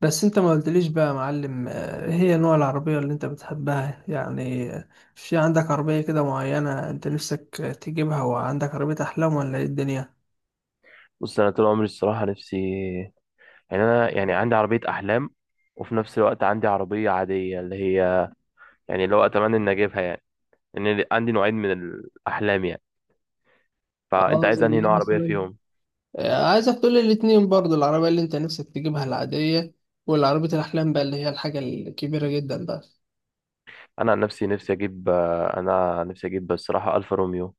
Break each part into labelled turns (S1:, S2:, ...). S1: بس انت ما قلتليش بقى يا معلم، هي نوع العربية اللي انت بتحبها يعني، في عندك عربية كده معينة انت نفسك تجيبها، وعندك عربية احلام ولا ايه الدنيا؟
S2: بص، انا طول عمري الصراحه نفسي يعني انا يعني عندي عربيه احلام. وفي نفس الوقت عندي عربيه عاديه اللي هي يعني اللي هو اتمنى ان اجيبها يعني. لان عندي نوعين من الاحلام يعني. فانت
S1: اه،
S2: عايز
S1: زي
S2: انهي
S1: ايه
S2: نوع عربيه
S1: مثلا؟
S2: فيهم؟
S1: عايزك تقولي الاتنين برضو، العربية اللي انت نفسك تجيبها العادية والعربية الأحلام بقى اللي هي الحاجة الكبيرة جدا بقى.
S2: انا عن نفسي نفسي اجيب، انا نفسي اجيب الصراحه الفا روميو.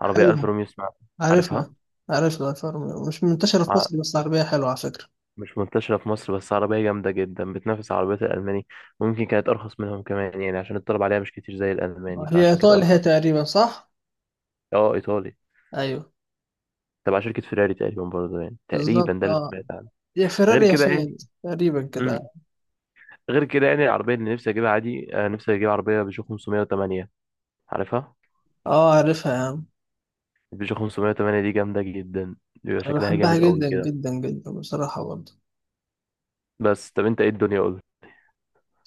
S2: عربيه الفا
S1: حلو.
S2: روميو اسمها.
S1: عارفها.
S2: عارفها.
S1: عارفها، الفورمولا مش منتشرة في
S2: ع-
S1: مصر، بس عربية حلوة على فكرة.
S2: مش منتشره في مصر بس عربيه جامده جدا بتنافس عربيات الالماني. وممكن كانت ارخص منهم كمان يعني عشان الطلب عليها مش كتير زي الالماني
S1: هي
S2: فعشان كده
S1: إيطالي هي
S2: ارخص.
S1: تقريبا صح؟
S2: اه ايطالي.
S1: أيوه،
S2: تبع شركة فيراري تقريبا برضه يعني. تقريبا
S1: بالظبط،
S2: ده اللي
S1: اه.
S2: سمعت عنه.
S1: هي
S2: غير
S1: فيراري يا
S2: كده يعني.
S1: فيات تقريبا
S2: امم
S1: كده.
S2: غير كده يعني العربية اللي نفسي أجيبها عادي، نفسي أجيب عربية بيجو 508. عارفها.
S1: اه، عارفها يا عم.
S2: البيجو 508 دي جامدة جدا. بيبقى
S1: انا
S2: شكلها
S1: بحبها
S2: جامد قوي
S1: جدا
S2: كده.
S1: جدا جدا بصراحة برضه.
S2: بس طب أنت إيه الدنيا؟ قول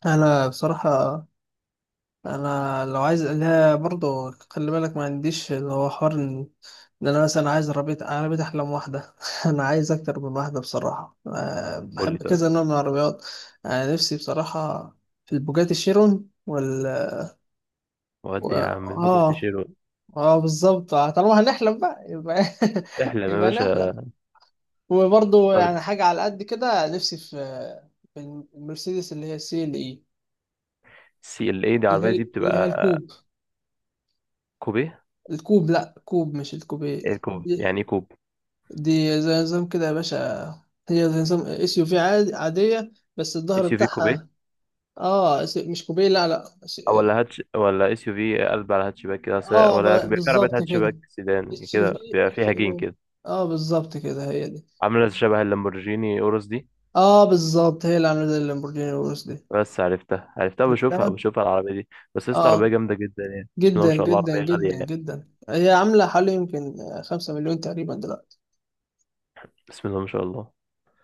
S1: انا بصراحة انا لو عايز لها برضه خلي بالك، ما عنديش اللي هو حوار إن انا مثلا عايز عربية احلام واحدة، انا عايز اكتر من واحدة بصراحة،
S2: قول لي
S1: بحب كذا
S2: طيب.
S1: نوع من العربيات. انا نفسي بصراحة في البوجاتي شيرون
S2: ودي يا عم البوجاتي
S1: اه.
S2: شيرو.
S1: اه، بالظبط، طالما هنحلم بقى يبقى
S2: احلم يا
S1: يبقى نحلم.
S2: باشا.
S1: وبرضه يعني
S2: برد.
S1: حاجة على قد كده نفسي في المرسيدس اللي هي السي ال اي.
S2: سي ال اي دي
S1: اللي
S2: العربية
S1: هي
S2: دي
S1: اللي هي
S2: بتبقى
S1: الكوب
S2: كوبيه.
S1: الكوب لا، كوب، مش الكوبيه
S2: ايه كوب
S1: دي.
S2: يعني؟ ايه كوب؟
S1: دي زي نظام كده يا باشا، هي زي نظام اس يو في عادية بس الظهر
S2: اس يو في كوبيه؟
S1: بتاعها. اه، مش كوبيه، لا لا،
S2: أو ولا هاتش ولا اس يو في قلب على هاتشباك كده
S1: اه،
S2: ولا بيبقى في عربية
S1: بالظبط كده،
S2: هاتشباك سيدان
S1: اتش
S2: كده
S1: في
S2: بيبقى
S1: اتش،
S2: فيها جين
S1: اه.
S2: كده.
S1: آه، بالظبط كده هي دي.
S2: عامله شبه اللامبورجيني اوروس دي.
S1: اه، بالظبط هي اللي عاملة زي اللامبورجيني الورس دي.
S2: بس عرفتها عرفتها بشوفها
S1: عرفتها؟
S2: بشوفها العربيه دي. بس لسه عربيه
S1: اه،
S2: جامده جدا يعني، بسم الله ما
S1: جدا
S2: شاء الله،
S1: جدا
S2: عربيه
S1: جدا
S2: غاليه يعني.
S1: جدا، هي عاملة حوالي يمكن 5 مليون تقريبا دلوقتي.
S2: بسم الله ما شاء الله.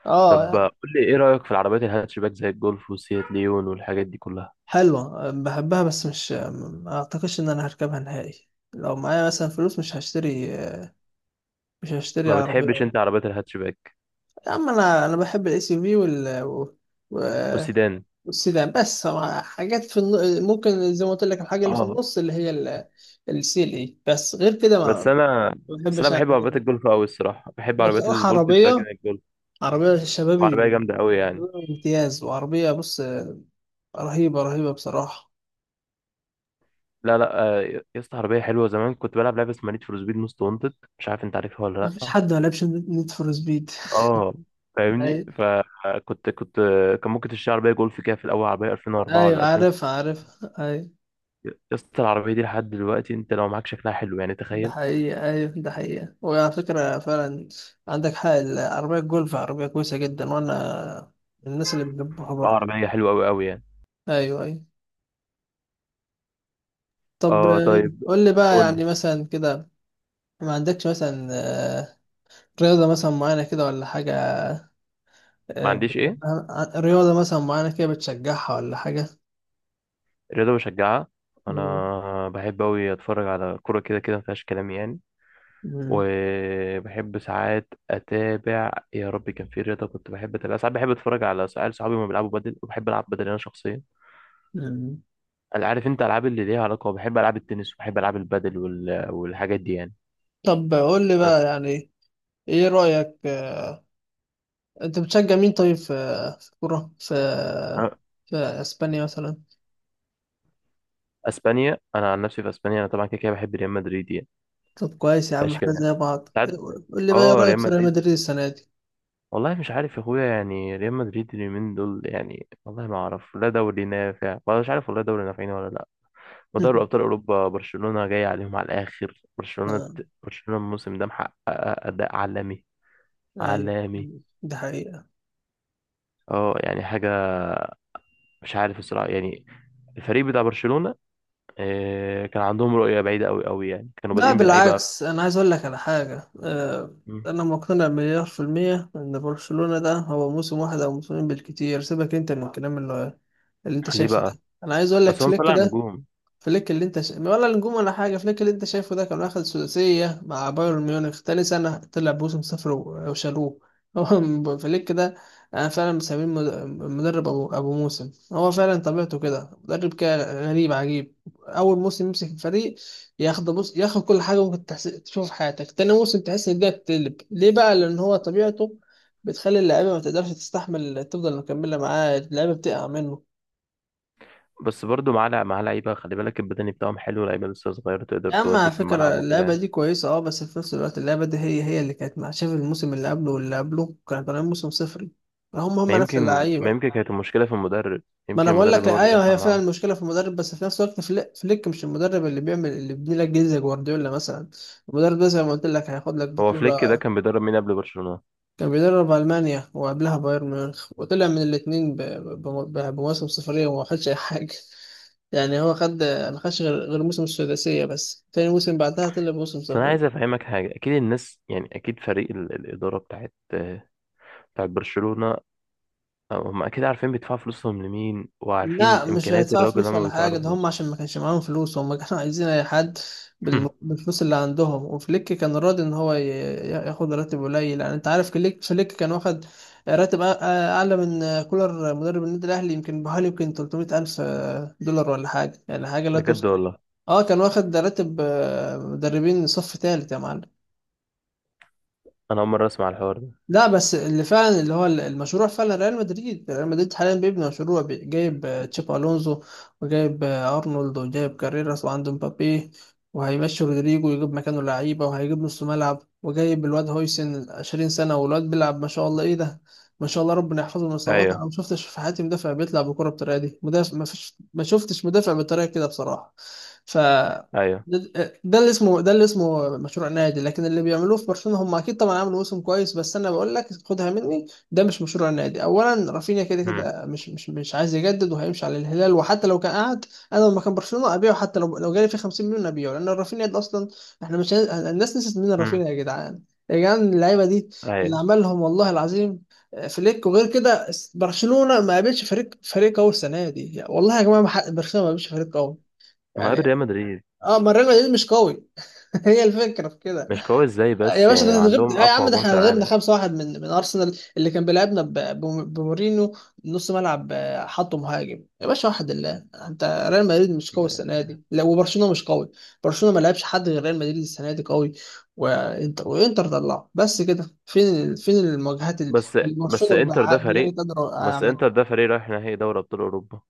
S1: اه،
S2: طب
S1: يعني
S2: قول لي ايه رايك في العربيات الهاتشباك زي الجولف وسيات ليون والحاجات دي كلها؟
S1: حلوة، بحبها، بس مش، ما اعتقدش ان انا هركبها نهائي. لو معايا مثلا فلوس مش هشتري، مش هشتري
S2: ما بتحبش
S1: عربية.
S2: انت عربيات الهاتشباك؟
S1: يا عم انا بحب الاس يو في
S2: والسيدان.
S1: والسيدان بس. حاجات في ممكن زي ما قلت لك، الحاجة اللي في
S2: اه.
S1: النص اللي هي السي ال اي، بس غير كده
S2: بس
S1: ما
S2: انا
S1: ما
S2: بس انا
S1: بحبش أنا
S2: بحب
S1: الحاجات
S2: عربيات
S1: دي.
S2: الجولف قوي الصراحه. بحب
S1: لو
S2: عربيات
S1: بصراحة،
S2: الفولكس فاجن
S1: عربية
S2: الجولف.
S1: عربية الشباب
S2: عربيه جامده قوي يعني.
S1: امتياز، وعربية بص رهيبة رهيبة بصراحة.
S2: لا لا، يا اسطى عربيه حلوه. زمان كنت بلعب لعبه اسمها نيد فور سبيد موست وانتد. مش عارف انت عارفها ولا
S1: مفيش
S2: لا.
S1: حد ما لعبش نيد فور سبيد.
S2: اه فاهمني.
S1: أيوة
S2: فكنت كان ممكن تشتري عربيه جولف كده في الاول، عربيه 2004 ولا
S1: أيوة،
S2: 2000.
S1: عارف عارف، أيوة.
S2: يا اسطى العربيه دي لحد دلوقتي انت لو معاك شكلها حلو يعني،
S1: ده
S2: تخيل.
S1: حقيقة، أيوة، ده حقيقة، وعلى فكرة فعلا عندك حق، العربية الجولف عربية كويسة جدا، وأنا من الناس اللي بيحبوها
S2: اه
S1: برضه.
S2: عربيه حلوه قوي قوي يعني.
S1: أيوة أيوة. طب
S2: اه طيب.
S1: قول لي بقى
S2: قول
S1: يعني
S2: لي.
S1: مثلا كده، ما عندكش مثلا رياضة مثلا معينة كده ولا حاجة،
S2: ما عنديش ايه؟
S1: بتحبها، رياضة مثلا معينة كده بتشجعها ولا حاجة؟
S2: رياضه بشجعها؟
S1: مم.
S2: انا بحب قوي اتفرج على كوره كده كده، ما فيهاش كلام يعني.
S1: مم.
S2: وبحب ساعات اتابع، يا ربي كان في رياضه كنت بحب اتابع. ساعات بحب اتفرج على سؤال صحابي ما بيلعبوا بدل، وبحب العب بدل انا شخصيا.
S1: مم.
S2: أنا عارف انت العاب اللي ليها علاقه، بحب العاب التنس وبحب العاب البادل والحاجات دي يعني.
S1: طب قول لي بقى
S2: بس
S1: يعني ايه رأيك، انت بتشجع مين طيب في، في كرة، في
S2: أنا.
S1: في اسبانيا مثلا؟
S2: اسبانيا؟ انا عن نفسي في اسبانيا انا طبعا كده كده بحب ريال مدريد يعني.
S1: طب كويس يا عم،
S2: مفيهاش كده
S1: احنا
S2: يعني.
S1: زي بعض.
S2: ساعات.
S1: قول لي بقى ايه
S2: اه ريال
S1: رأيك في ريال
S2: مدريد.
S1: مدريد السنة دي؟
S2: والله مش عارف يا اخويا يعني، ريال مدريد اليومين دول يعني والله ما اعرف لا دوري نافع ولا مش عارف، والله دوري نافعين ولا لا. ودوري ابطال اوروبا برشلونه جاي عليهم على الاخر. برشلونه
S1: آه،
S2: برشلونه الموسم ده محقق اداء عالمي.
S1: ايوه،
S2: عالمي.
S1: دي حقيقة.
S2: اه يعني حاجه، مش عارف الصراحه يعني. الفريق بتاع برشلونه، كان عندهم رؤية بعيدة قوي قوي يعني، كانوا
S1: لا
S2: بادئين بلعيبة.
S1: بالعكس، انا عايز اقول لك على حاجة،
S2: مم.
S1: انا مقتنع مليار في المية ان برشلونة ده هو موسم واحد او موسمين بالكتير، سيبك انت من الكلام اللي اللي انت
S2: ليه
S1: شايفه ده.
S2: بقى؟
S1: انا عايز اقول لك،
S2: بس هم
S1: فليك
S2: طلع
S1: ده،
S2: نجوم.
S1: فليك اللي انت شا... ولا نجوم ولا حاجه، فليك اللي انت شايفه ده كان واخد ثلاثيه مع بايرن ميونخ، تاني سنه طلع بوسم صفر وشالوه. هو فليك ده انا فعلا مسميه مدرب ابو موسم. هو فعلا طبيعته كده، مدرب كده غريب عجيب، اول موسم يمسك الفريق ياخد، بص ياخد كل حاجه ممكن تشوف في حياتك، تاني موسم تحس ان الدنيا بتقلب. ليه بقى؟ لان هو طبيعته بتخلي اللعيبه ما تقدرش تستحمل تفضل مكمله معاه، اللعيبه بتقع منه.
S2: بس برضه مع لعيبة خلي بالك، البدني بتاعهم حلو، لعيبة لسه صغيرة تقدر
S1: يا عم
S2: تودي
S1: على
S2: في الملعب
S1: فكرة
S2: وكده
S1: اللعبة
S2: يعني.
S1: دي كويسة، اه، بس في نفس الوقت اللعبة دي هي اللي كانت مع، شايف الموسم اللي قبله واللي قبله كانوا طالعين موسم صفري؟ هم
S2: ما
S1: هم نفس
S2: يمكن ما
S1: اللعيبة.
S2: يمكن كانت المشكلة في المدرب.
S1: ما
S2: يمكن
S1: انا بقول
S2: المدرب
S1: لك
S2: هو اللي
S1: ايوه،
S2: دفع
S1: هي فعلا
S2: معاه.
S1: المشكلة في المدرب، بس في نفس الوقت فليك مش المدرب اللي بيعمل، اللي بيبني لك جيل زي جوارديولا مثلا. المدرب ده زي ما قلت لك هياخد لك
S2: هو فليك ده
S1: بطولة.
S2: كان بيدرب مين قبل برشلونة؟
S1: كان بيدرب ألمانيا وقبلها بايرن ميونخ، وطلع من الاتنين بمواسم صفرية وما خدش أي حاجة. يعني هو خد، ما خدش غير موسم السداسية، بس تاني موسم بعدها طلع بموسم
S2: بس أنا
S1: صفر.
S2: عايز أفهمك حاجة، أكيد الناس يعني، أكيد فريق الإدارة بتاعت برشلونة، هم أكيد عارفين بيدفعوا فلوسهم لمين وعارفين
S1: لا مش
S2: إمكانيات
S1: هيدفعوا
S2: الراجل اللي
S1: فلوس
S2: هم
S1: ولا
S2: بيدفعوا له
S1: حاجة، ده هم
S2: فلوس.
S1: عشان ما كانش معاهم فلوس هم كانوا عايزين أي حد بالفلوس اللي عندهم، وفليك كان راضي إن هو ياخد راتب قليل. يعني أنت عارف فليك كان واخد راتب أعلى من كولر مدرب النادي الأهلي، يمكن بحوالي يمكن 300 ألف دولار ولا حاجة، يعني حاجة لا
S2: بجد
S1: تذكر.
S2: والله؟
S1: أه كان واخد راتب مدربين صف تالت يا معلم.
S2: أنا أول مرة أسمع الحوار ده.
S1: لا بس اللي فعلا اللي هو المشروع فعلا، ريال مدريد حاليا بيبني مشروع، جايب تشابي الونزو، وجايب ارنولد، وجايب كاريراس، وعنده مبابي، وهيمشي رودريجو ويجيب مكانه لعيبه، وهيجيب نص ملعب، وجايب الواد هويسن 20 سنه والواد بيلعب ما شاء الله، ايه ده، ما شاء الله ربنا يحفظه من الاصابات. انا
S2: ايوه.
S1: ما شفتش في حياتي مدافع بيطلع بالكره بالطريقه دي، مدافع، ما فيش، ما شفتش مدافع بالطريقه كده بصراحه. ف
S2: ايوه.
S1: ده، ده اللي اسمه مشروع نادي. لكن اللي بيعملوه في برشلونة هم اكيد طبعا عملوا موسم كويس، بس انا بقول لك، خدها مني، ده مش مشروع نادي. اولا رافينيا كده
S2: امم.
S1: كده مش عايز يجدد وهيمشي على الهلال، وحتى لو كان قعد انا لما كان برشلونة ابيعه، حتى لو جالي فيه 50 مليون ابيعه، لان رافينيا ده اصلا، احنا مش عايز- الناس نسيت مين
S2: امم.
S1: رافينيا يا جدعان. يا جدعان اللعيبه دي اللي
S2: ايوه.
S1: عملهم والله العظيم فليك. وغير كده، برشلونة ما قابلش فريق قوي السنه دي والله يا جماعه، ما حق- برشلونة ما قابلش فريق قوي
S2: ما
S1: يعني.
S2: قبل ريال مدريد؟
S1: اه، ما ريال مدريد مش قوي؟ هي الفكرة في كده.
S2: مش قوي ازاي
S1: يا
S2: بس
S1: باشا
S2: يعني
S1: ده
S2: عندهم
S1: اتغبنا يا
S2: اقوى
S1: عم، ده
S2: هجوم
S1: احنا
S2: في
S1: اتغبنا
S2: العالم.
S1: 5-1 من ارسنال اللي كان بيلعبنا بمورينو نص ملعب، حطه مهاجم يا باشا وحد الله انت. ريال مدريد مش قوي السنة
S2: يعني.
S1: دي، لا، وبرشلونة مش قوي. برشلونة ما لعبش حد غير ريال مدريد السنة دي قوي، وانتر طلعه بس. كده فين فين المواجهات اللي
S2: بس بس
S1: برشلونة
S2: انتر ده فريق.
S1: بجلد قدر؟
S2: بس انتر ده فريق رايح نهائي دوري ابطال اوروبا.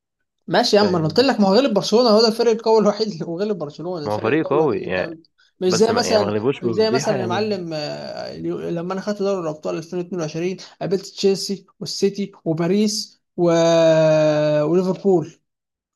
S1: ماشي يا عم انا قلت
S2: فاهمني،
S1: لك، ما هو غلب برشلونه، هو ده الفريق القوي الوحيد اللي، وغلب برشلونه
S2: ما هو
S1: الفريق
S2: فريق
S1: القوي الوحيد
S2: قوي
S1: اللي انت
S2: يعني.
S1: عملته. مش
S2: بس
S1: زي
S2: ما يعني ما
S1: مثلا
S2: غلبوش
S1: مش زي
S2: بفضيحه
S1: مثلا يا
S2: يعني.
S1: معلم، لما انا خدت دوري الابطال 2022، قابلت تشيلسي والسيتي وباريس وليفربول.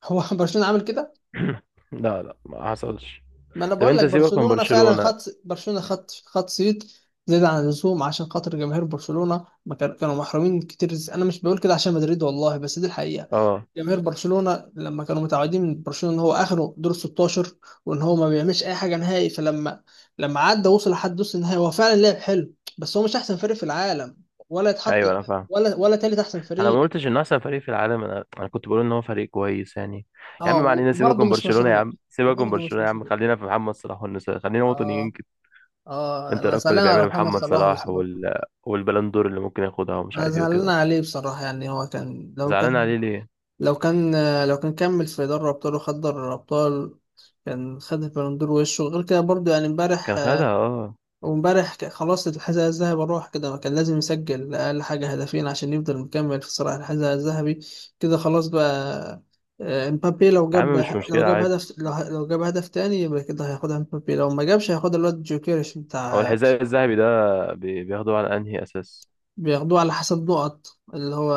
S1: هو برشلونه عامل كده؟
S2: لا لا، ما حصلش.
S1: ما انا
S2: طب
S1: بقول
S2: انت
S1: لك،
S2: سيبك من
S1: برشلونه فعلا
S2: برشلونه.
S1: خط، برشلونه خط صيت زيادة عن اللزوم، عشان خاطر جماهير برشلونة ما كان- كانوا محرومين كتير، أنا مش بقول كده عشان مدريد والله، بس دي الحقيقة.
S2: اه،
S1: جماهير برشلونة لما كانوا متعودين من برشلونة إن هو آخره دور 16، وإن هو ما بيعملش أي حاجة نهائي، لما عدى وصل لحد نص النهائي، هو فعلا لعب حلو، بس هو مش أحسن فريق في العالم ولا يتحط
S2: ايوه انا فاهم.
S1: ولا تالت أحسن
S2: انا ما
S1: فريق.
S2: قلتش انه احسن فريق في العالم، انا كنت بقول ان هو فريق كويس يعني. يا عم
S1: أه.
S2: ما علينا، سيبك من
S1: وبرضه مش
S2: برشلونه يا
S1: مشروع
S2: عم، سيبك من
S1: وبرضه مش
S2: برشلونه يا عم،
S1: مشروع
S2: خلينا في محمد صلاح والنساء، خلينا وطنيين.
S1: أه أه،
S2: انت
S1: أنا
S2: رأيك في اللي
S1: زعلان على
S2: بيعمله
S1: محمد
S2: محمد
S1: صلاح بس.
S2: صلاح والبلندور اللي ممكن ياخدها ومش
S1: أنا
S2: عارف ايه
S1: زعلان
S2: وكده؟
S1: عليه بصراحة، يعني هو كان، لو
S2: زعلان
S1: كان،
S2: عليه ليه؟
S1: لو كان لو كان كمل في دوري أبطال وخد دوري الأبطال كان خد البالون دور وشه. غير كده برضه يعني
S2: كان
S1: امبارح،
S2: خدها اه.
S1: وامبارح خلاص الحذاء الذهبي راح كده، ما كان لازم يسجل أقل حاجة هدفين عشان يفضل مكمل في صراع الحذاء الذهبي، كده خلاص بقى. امبابي
S2: يا عم مش
S1: لو
S2: مشكلة
S1: جاب
S2: عادي.
S1: هدف لو جاب هدف تاني، يبقى كده هياخدها امبابي. لو ما جابش هياخدها الواد جوكيريش.
S2: هو الحذاء الذهبي ده بياخدوه على انهي اساس؟
S1: بياخدوه على حسب نقط، اللي هو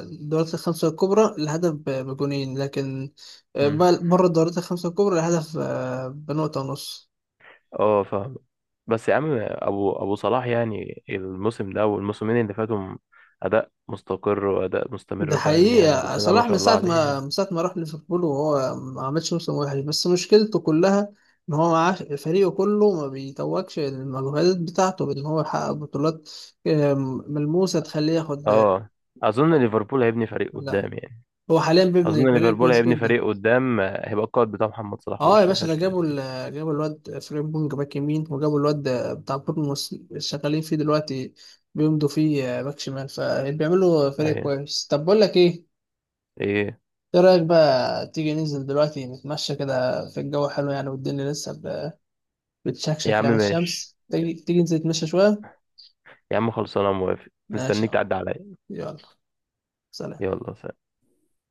S1: الدورات الخمسة الكبرى الهدف بجونين، لكن
S2: مم.
S1: بره الدورات الخمسة الكبرى الهدف بنقطة ونص.
S2: اه فاهم. بس يا عم ابو صلاح يعني الموسم ده والموسمين اللي فاتوا، اداء مستقر واداء
S1: ده
S2: مستمر، فاهمني يعني،
S1: حقيقة،
S2: بسم الله ما
S1: صلاح
S2: شاء الله عليه يعني.
S1: من ساعة ما راح ليفربول وهو ما عملش موسم وحش، بس مشكلته كلها إن هو، معاه فريقه كله ما بيتوجش المجهودات بتاعته بإن هو يحقق بطولات آه، ملموسة تخليه ياخد
S2: اه اظن ليفربول هيبني فريق
S1: لا،
S2: قدام يعني.
S1: هو حاليا بيبني
S2: اظن
S1: فريق
S2: ليفربول
S1: كويس
S2: هيبني
S1: جدا.
S2: فريق قدام، هيبقى القائد بتاع محمد صلاح
S1: اه يا
S2: وش ما
S1: باشا،
S2: فيهاش
S1: ده
S2: كده.
S1: جابوا جابوا الواد فريمبونج باك يمين، وجابوا الواد بتاع بورنموث اللي شغالين فيه دلوقتي بيمضوا فيه باك شمال، فبيعملوا فريق
S2: ايوه.
S1: كويس. طب بقول لك ايه،
S2: ايه.
S1: ايه رايك بقى تيجي ننزل دلوقتي نتمشى كده، في الجو حلو يعني والدنيا لسه
S2: يا
S1: بتشكشك
S2: عم
S1: يعني
S2: ماشي.
S1: الشمس، تيجي، تيجي ننزل نتمشى شويه؟
S2: يا عم خلصانه، موافق،
S1: ماشي يا
S2: مستنيك
S1: معلم.
S2: تعدي عليا.
S1: يلا. سلام.
S2: يلا سلام.